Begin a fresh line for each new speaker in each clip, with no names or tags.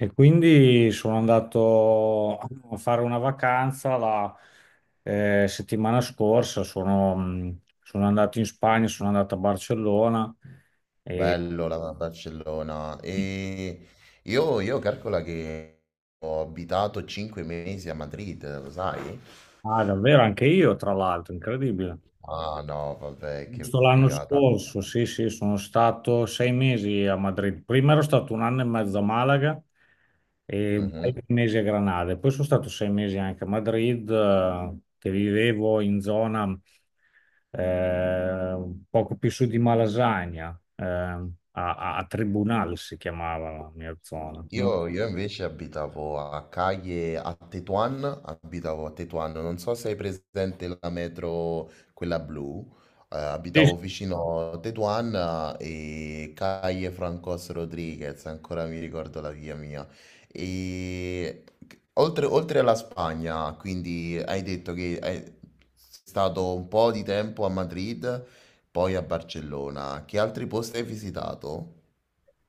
E quindi sono andato a fare una vacanza la settimana scorsa. Sono andato in Spagna, sono andato a Barcellona e,
Bello la Barcellona. E io calcola che ho abitato 5 mesi a Madrid, lo sai?
ah, davvero, anche io, tra l'altro, incredibile.
Ah no, vabbè, che
Giusto l'anno
figata.
scorso, sì, sì, sono stato 6 mesi a Madrid. Prima ero stato un anno e mezzo a Malaga e un paio di mesi a Granada. E poi sono stato 6 mesi anche a Madrid, che vivevo in zona eh, poco più su di Malasagna, a Tribunal si chiamava la mia zona.
Io invece abitavo a Caglie, a Tetuan, abitavo a Tetuan, non so se hai presente la metro, quella blu, abitavo vicino a Tetuan e Caglie Francos Rodriguez, ancora mi ricordo la via mia. E oltre alla Spagna, quindi hai detto che è stato un po' di tempo a Madrid, poi a Barcellona, che altri posti hai visitato?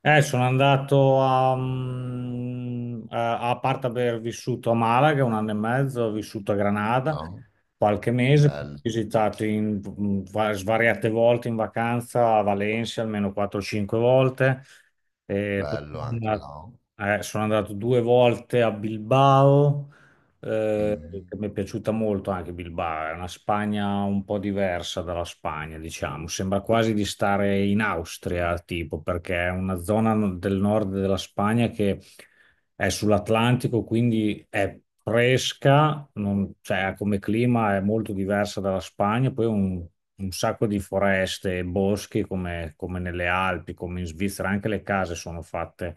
Sono andato a parte aver vissuto a Malaga un anno e mezzo. Ho vissuto a Granada
Ah,
qualche mese, ho
bello.
visitato svariate volte in vacanza a Valencia, almeno 4-5 volte. E poi
Bello
sono
anche,
andato,
no?
eh, sono andato 2 volte a Bilbao, eh,
Mm.
che mi è piaciuta molto anche Bilbao. È una Spagna un po' diversa dalla Spagna, diciamo, sembra quasi di stare in Austria, tipo, perché è una zona del nord della Spagna che è sull'Atlantico, quindi è fresca, cioè, come clima è molto diversa dalla Spagna. Poi un sacco di foreste e boschi come, come nelle Alpi, come in Svizzera. Anche le case sono fatte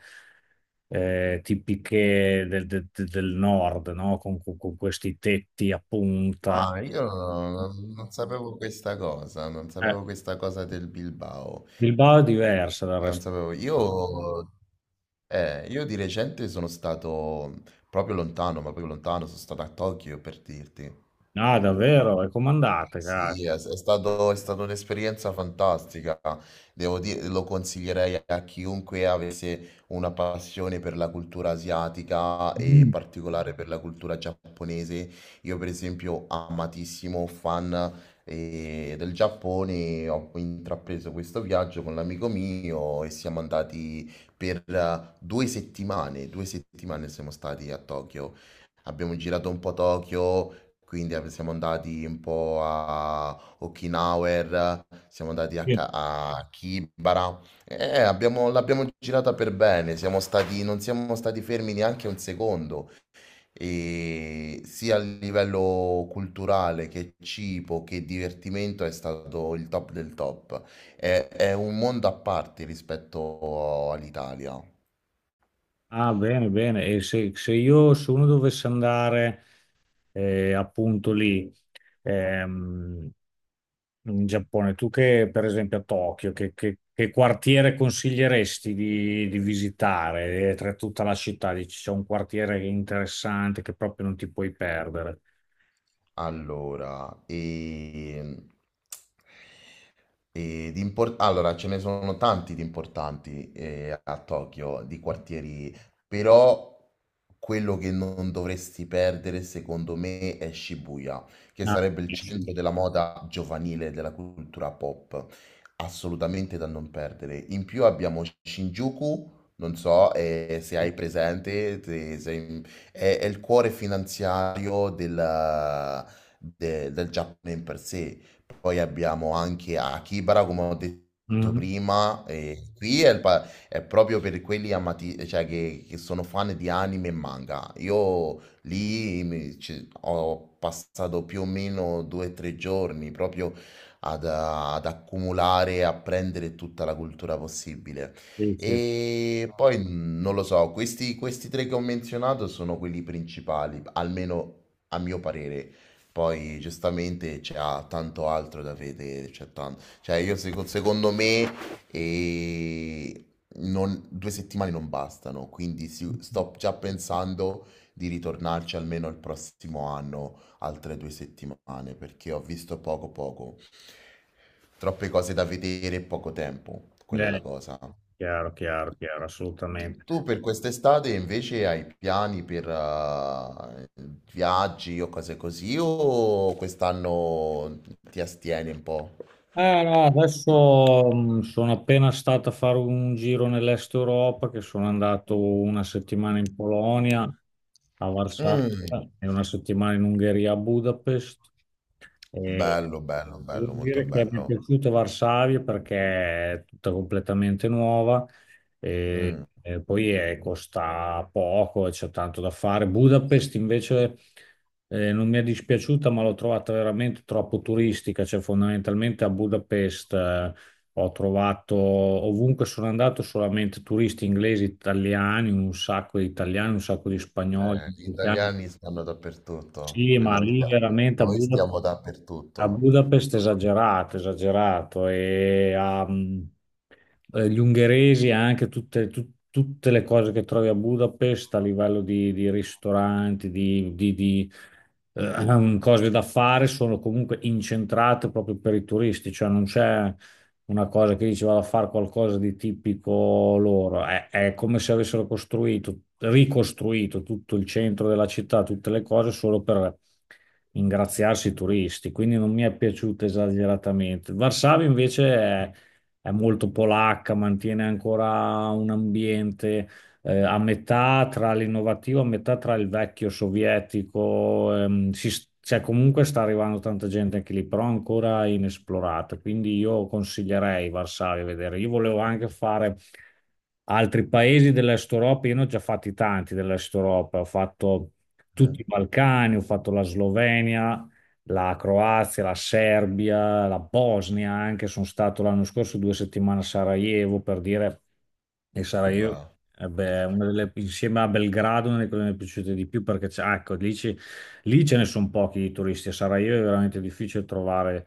tipiche del nord, no? Con questi tetti a punta.
Ah, io non, non sapevo questa cosa, non
Eh,
sapevo questa cosa del Bilbao.
Bilbao è diversa dal
Non
resto.
sapevo. Io di recente sono stato proprio lontano, ma proprio lontano, sono stato a Tokyo per dirti.
Ah, davvero? E comandate, caro.
Sì, è stata un'esperienza fantastica. Devo dire, lo consiglierei a chiunque avesse una passione per la cultura asiatica e in
Mm,
particolare per la cultura giapponese. Io, per esempio, amatissimo fan del Giappone, ho intrapreso questo viaggio con l'amico mio e siamo andati per 2 settimane. 2 settimane siamo stati a Tokyo. Abbiamo girato un po' Tokyo, quindi ab siamo andati un po' a Okinawer, siamo andati a
sì.
Ka a Kibara e abbiamo l'abbiamo girata per bene, siamo stati non siamo stati fermi neanche un secondo, e sia a livello culturale che cibo che divertimento è stato il top del top. È un mondo a parte rispetto all'Italia.
Ah, bene, bene. E se, se io, se uno dovesse andare appunto lì, ehm, in Giappone. Tu che, per esempio, a Tokyo, che quartiere consiglieresti di visitare tra tutta la città? Dici, c'è un quartiere interessante che proprio non ti puoi perdere.
Allora, e... E allora, ce ne sono tanti di importanti a Tokyo, di quartieri, però quello che non dovresti perdere, secondo me, è Shibuya, che
Ah,
sarebbe il
sì.
centro della moda giovanile e della cultura pop, assolutamente da non perdere. In più abbiamo Shinjuku, non so se hai presente, è il cuore finanziario del Giappone in per sé. Poi abbiamo anche Akihabara, come ho detto
Mhm.
prima, e qui è, è proprio per quelli amati, cioè che sono fan di anime e manga. Io lì ho passato più o meno 2 o 3 giorni proprio ad accumulare e apprendere tutta la cultura possibile.
Sì, sì.
E poi non lo so, questi tre che ho menzionato sono quelli principali, almeno a mio parere. Poi giustamente c'è tanto altro da vedere, cioè io secondo me eh, 2 settimane non bastano, quindi sto già pensando di ritornarci almeno il prossimo anno, altre 2 settimane, perché ho visto poco poco, troppe cose da vedere e poco tempo, quella è
Eh,
la cosa.
Chiaro, chiaro, chiaro, assolutamente.
Tu per quest'estate invece hai piani per viaggi o cose così, o quest'anno ti astieni un po'?
No, adesso sono appena stato a fare un giro nell'est Europa, che sono andato una settimana in Polonia, a Varsavia,
Mm.
e una settimana in Ungheria, a Budapest. E
Bello, bello,
devo
bello, molto
dire che mi è
bello.
piaciuto Varsavia perché è tutta completamente nuova
Mm.
e poi costa poco e c'è tanto da fare. Budapest invece non mi è dispiaciuta, ma l'ho trovata veramente troppo turistica. Cioè, fondamentalmente a Budapest ho trovato ovunque sono andato solamente turisti inglesi, italiani, un sacco di italiani, un sacco di spagnoli.
Eh, gli italiani stanno dappertutto,
Sì, ma lì veramente a
noi stiamo
A
dappertutto.
Budapest è esagerato, esagerato. E gli ungheresi anche tutte le cose che trovi a Budapest a livello di ristoranti, cose da fare sono comunque incentrate proprio per i turisti. Cioè non c'è una cosa che diceva a fare qualcosa di tipico loro. È come se avessero costruito, ricostruito tutto il centro della città, tutte le cose solo per ingraziarsi i turisti. Quindi non mi è piaciuta esageratamente. Varsavia invece è molto polacca, mantiene ancora un ambiente a metà tra l'innovativo, a metà tra il vecchio sovietico. Cioè, comunque sta arrivando tanta gente anche lì, però ancora inesplorata, quindi io consiglierei Varsavia a vedere. Io volevo anche fare altri paesi dell'Est Europa, io ne ho già fatti tanti dell'Est Europa, ho fatto tutti
Mm.
i Balcani, ho fatto la Slovenia, la Croazia, la Serbia, la Bosnia anche. Sono stato l'anno scorso 2 settimane a Sarajevo per dire, e Sarajevo
Beh.
eh beh, è una delle, insieme a Belgrado, una delle cose che mi è piaciute di più, perché ah, ecco, lì, lì ce ne sono pochi di turisti. A Sarajevo è veramente difficile trovare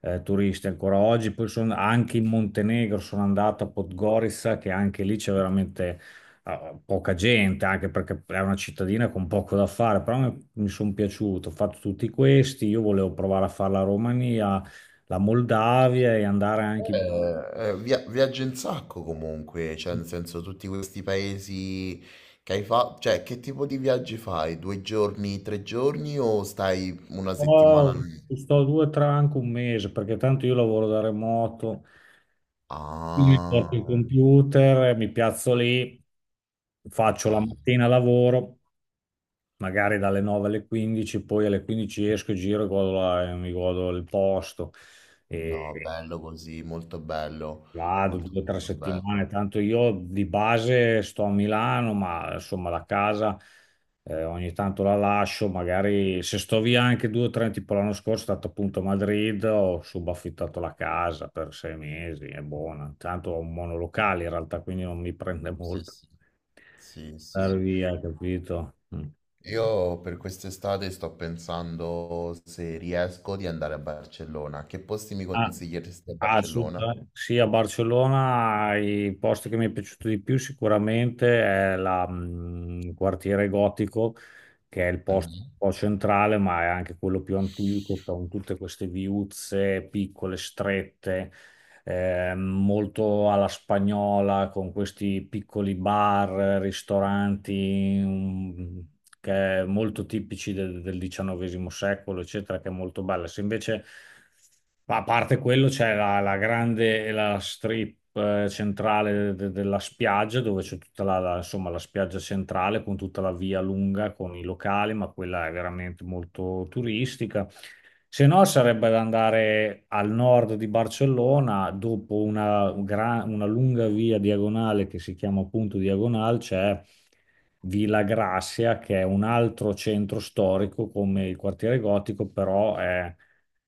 turisti ancora oggi. Poi sono anche in Montenegro, sono andato a Podgorica, che anche lì c'è veramente, ah, poca gente, anche perché è una cittadina con poco da fare. Però mi sono piaciuto, ho fatto tutti questi. Io volevo provare a fare la Romania, la Moldavia e andare anche...
Viaggi un sacco comunque, cioè nel senso tutti questi paesi che hai fatto, cioè che tipo di viaggi fai? Due giorni, tre giorni o stai una settimana
Oh,
lì?
sto due, tre, anche un mese, perché tanto io lavoro da remoto, quindi mi porto il
Ah,
computer, mi piazzo lì, faccio la
ah,
mattina lavoro, magari dalle 9 alle 15, poi alle 15 esco, giro e mi godo il posto.
no,
E
bello così, molto bello,
vado
molto
due o tre
molto
settimane,
bello.
tanto io di base sto a Milano, ma insomma la casa ogni tanto la lascio, magari se sto via anche due o tre, tipo l'anno scorso sono stato appunto a Madrid, ho subaffittato la casa per 6 mesi, è buona, tanto ho un monolocale in realtà, quindi non mi prende
Sì,
molto
sì, sì,
andare
sì.
via, capito? Mm.
Io per quest'estate sto pensando se riesco di andare a Barcellona. Che posti mi
Ah.
consiglieresti a
Ah,
Barcellona?
assolutamente. Sì, a Barcellona i posti che mi è piaciuto di più sicuramente è il quartiere gotico, che è il posto un
Eh.
po' centrale, ma è anche quello più antico, con tutte queste viuzze piccole, strette, molto alla spagnola con questi piccoli bar, ristoranti, che è molto tipici del XIX secolo, eccetera, che è molto bella. Se invece, a parte quello, c'è la grande la strip centrale della spiaggia, dove c'è tutta insomma, la spiaggia centrale con tutta la via lunga con i locali, ma quella è veramente molto turistica. Se no, sarebbe da andare al nord di Barcellona. Dopo una lunga via diagonale che si chiama appunto Diagonal, c'è Villa Grazia, che è un altro centro storico come il quartiere gotico, però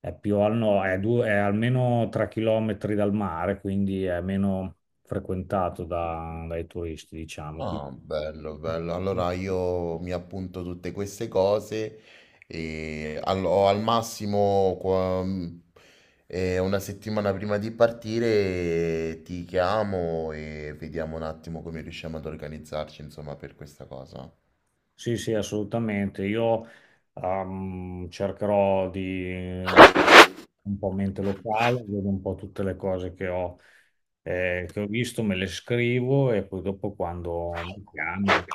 è più al nord, è almeno 3 chilometri dal mare, quindi è meno frequentato dai turisti, diciamo.
Ah, bello, bello. Allora io mi appunto tutte queste cose e o al massimo una settimana prima di partire ti chiamo e vediamo un attimo come riusciamo ad organizzarci, insomma, per questa cosa.
Sì, sì, assolutamente. Io cercherò di un po' mente locale, vedo un po' tutte le cose che che ho visto, me le scrivo e poi dopo quando mi chiami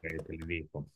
te le dico.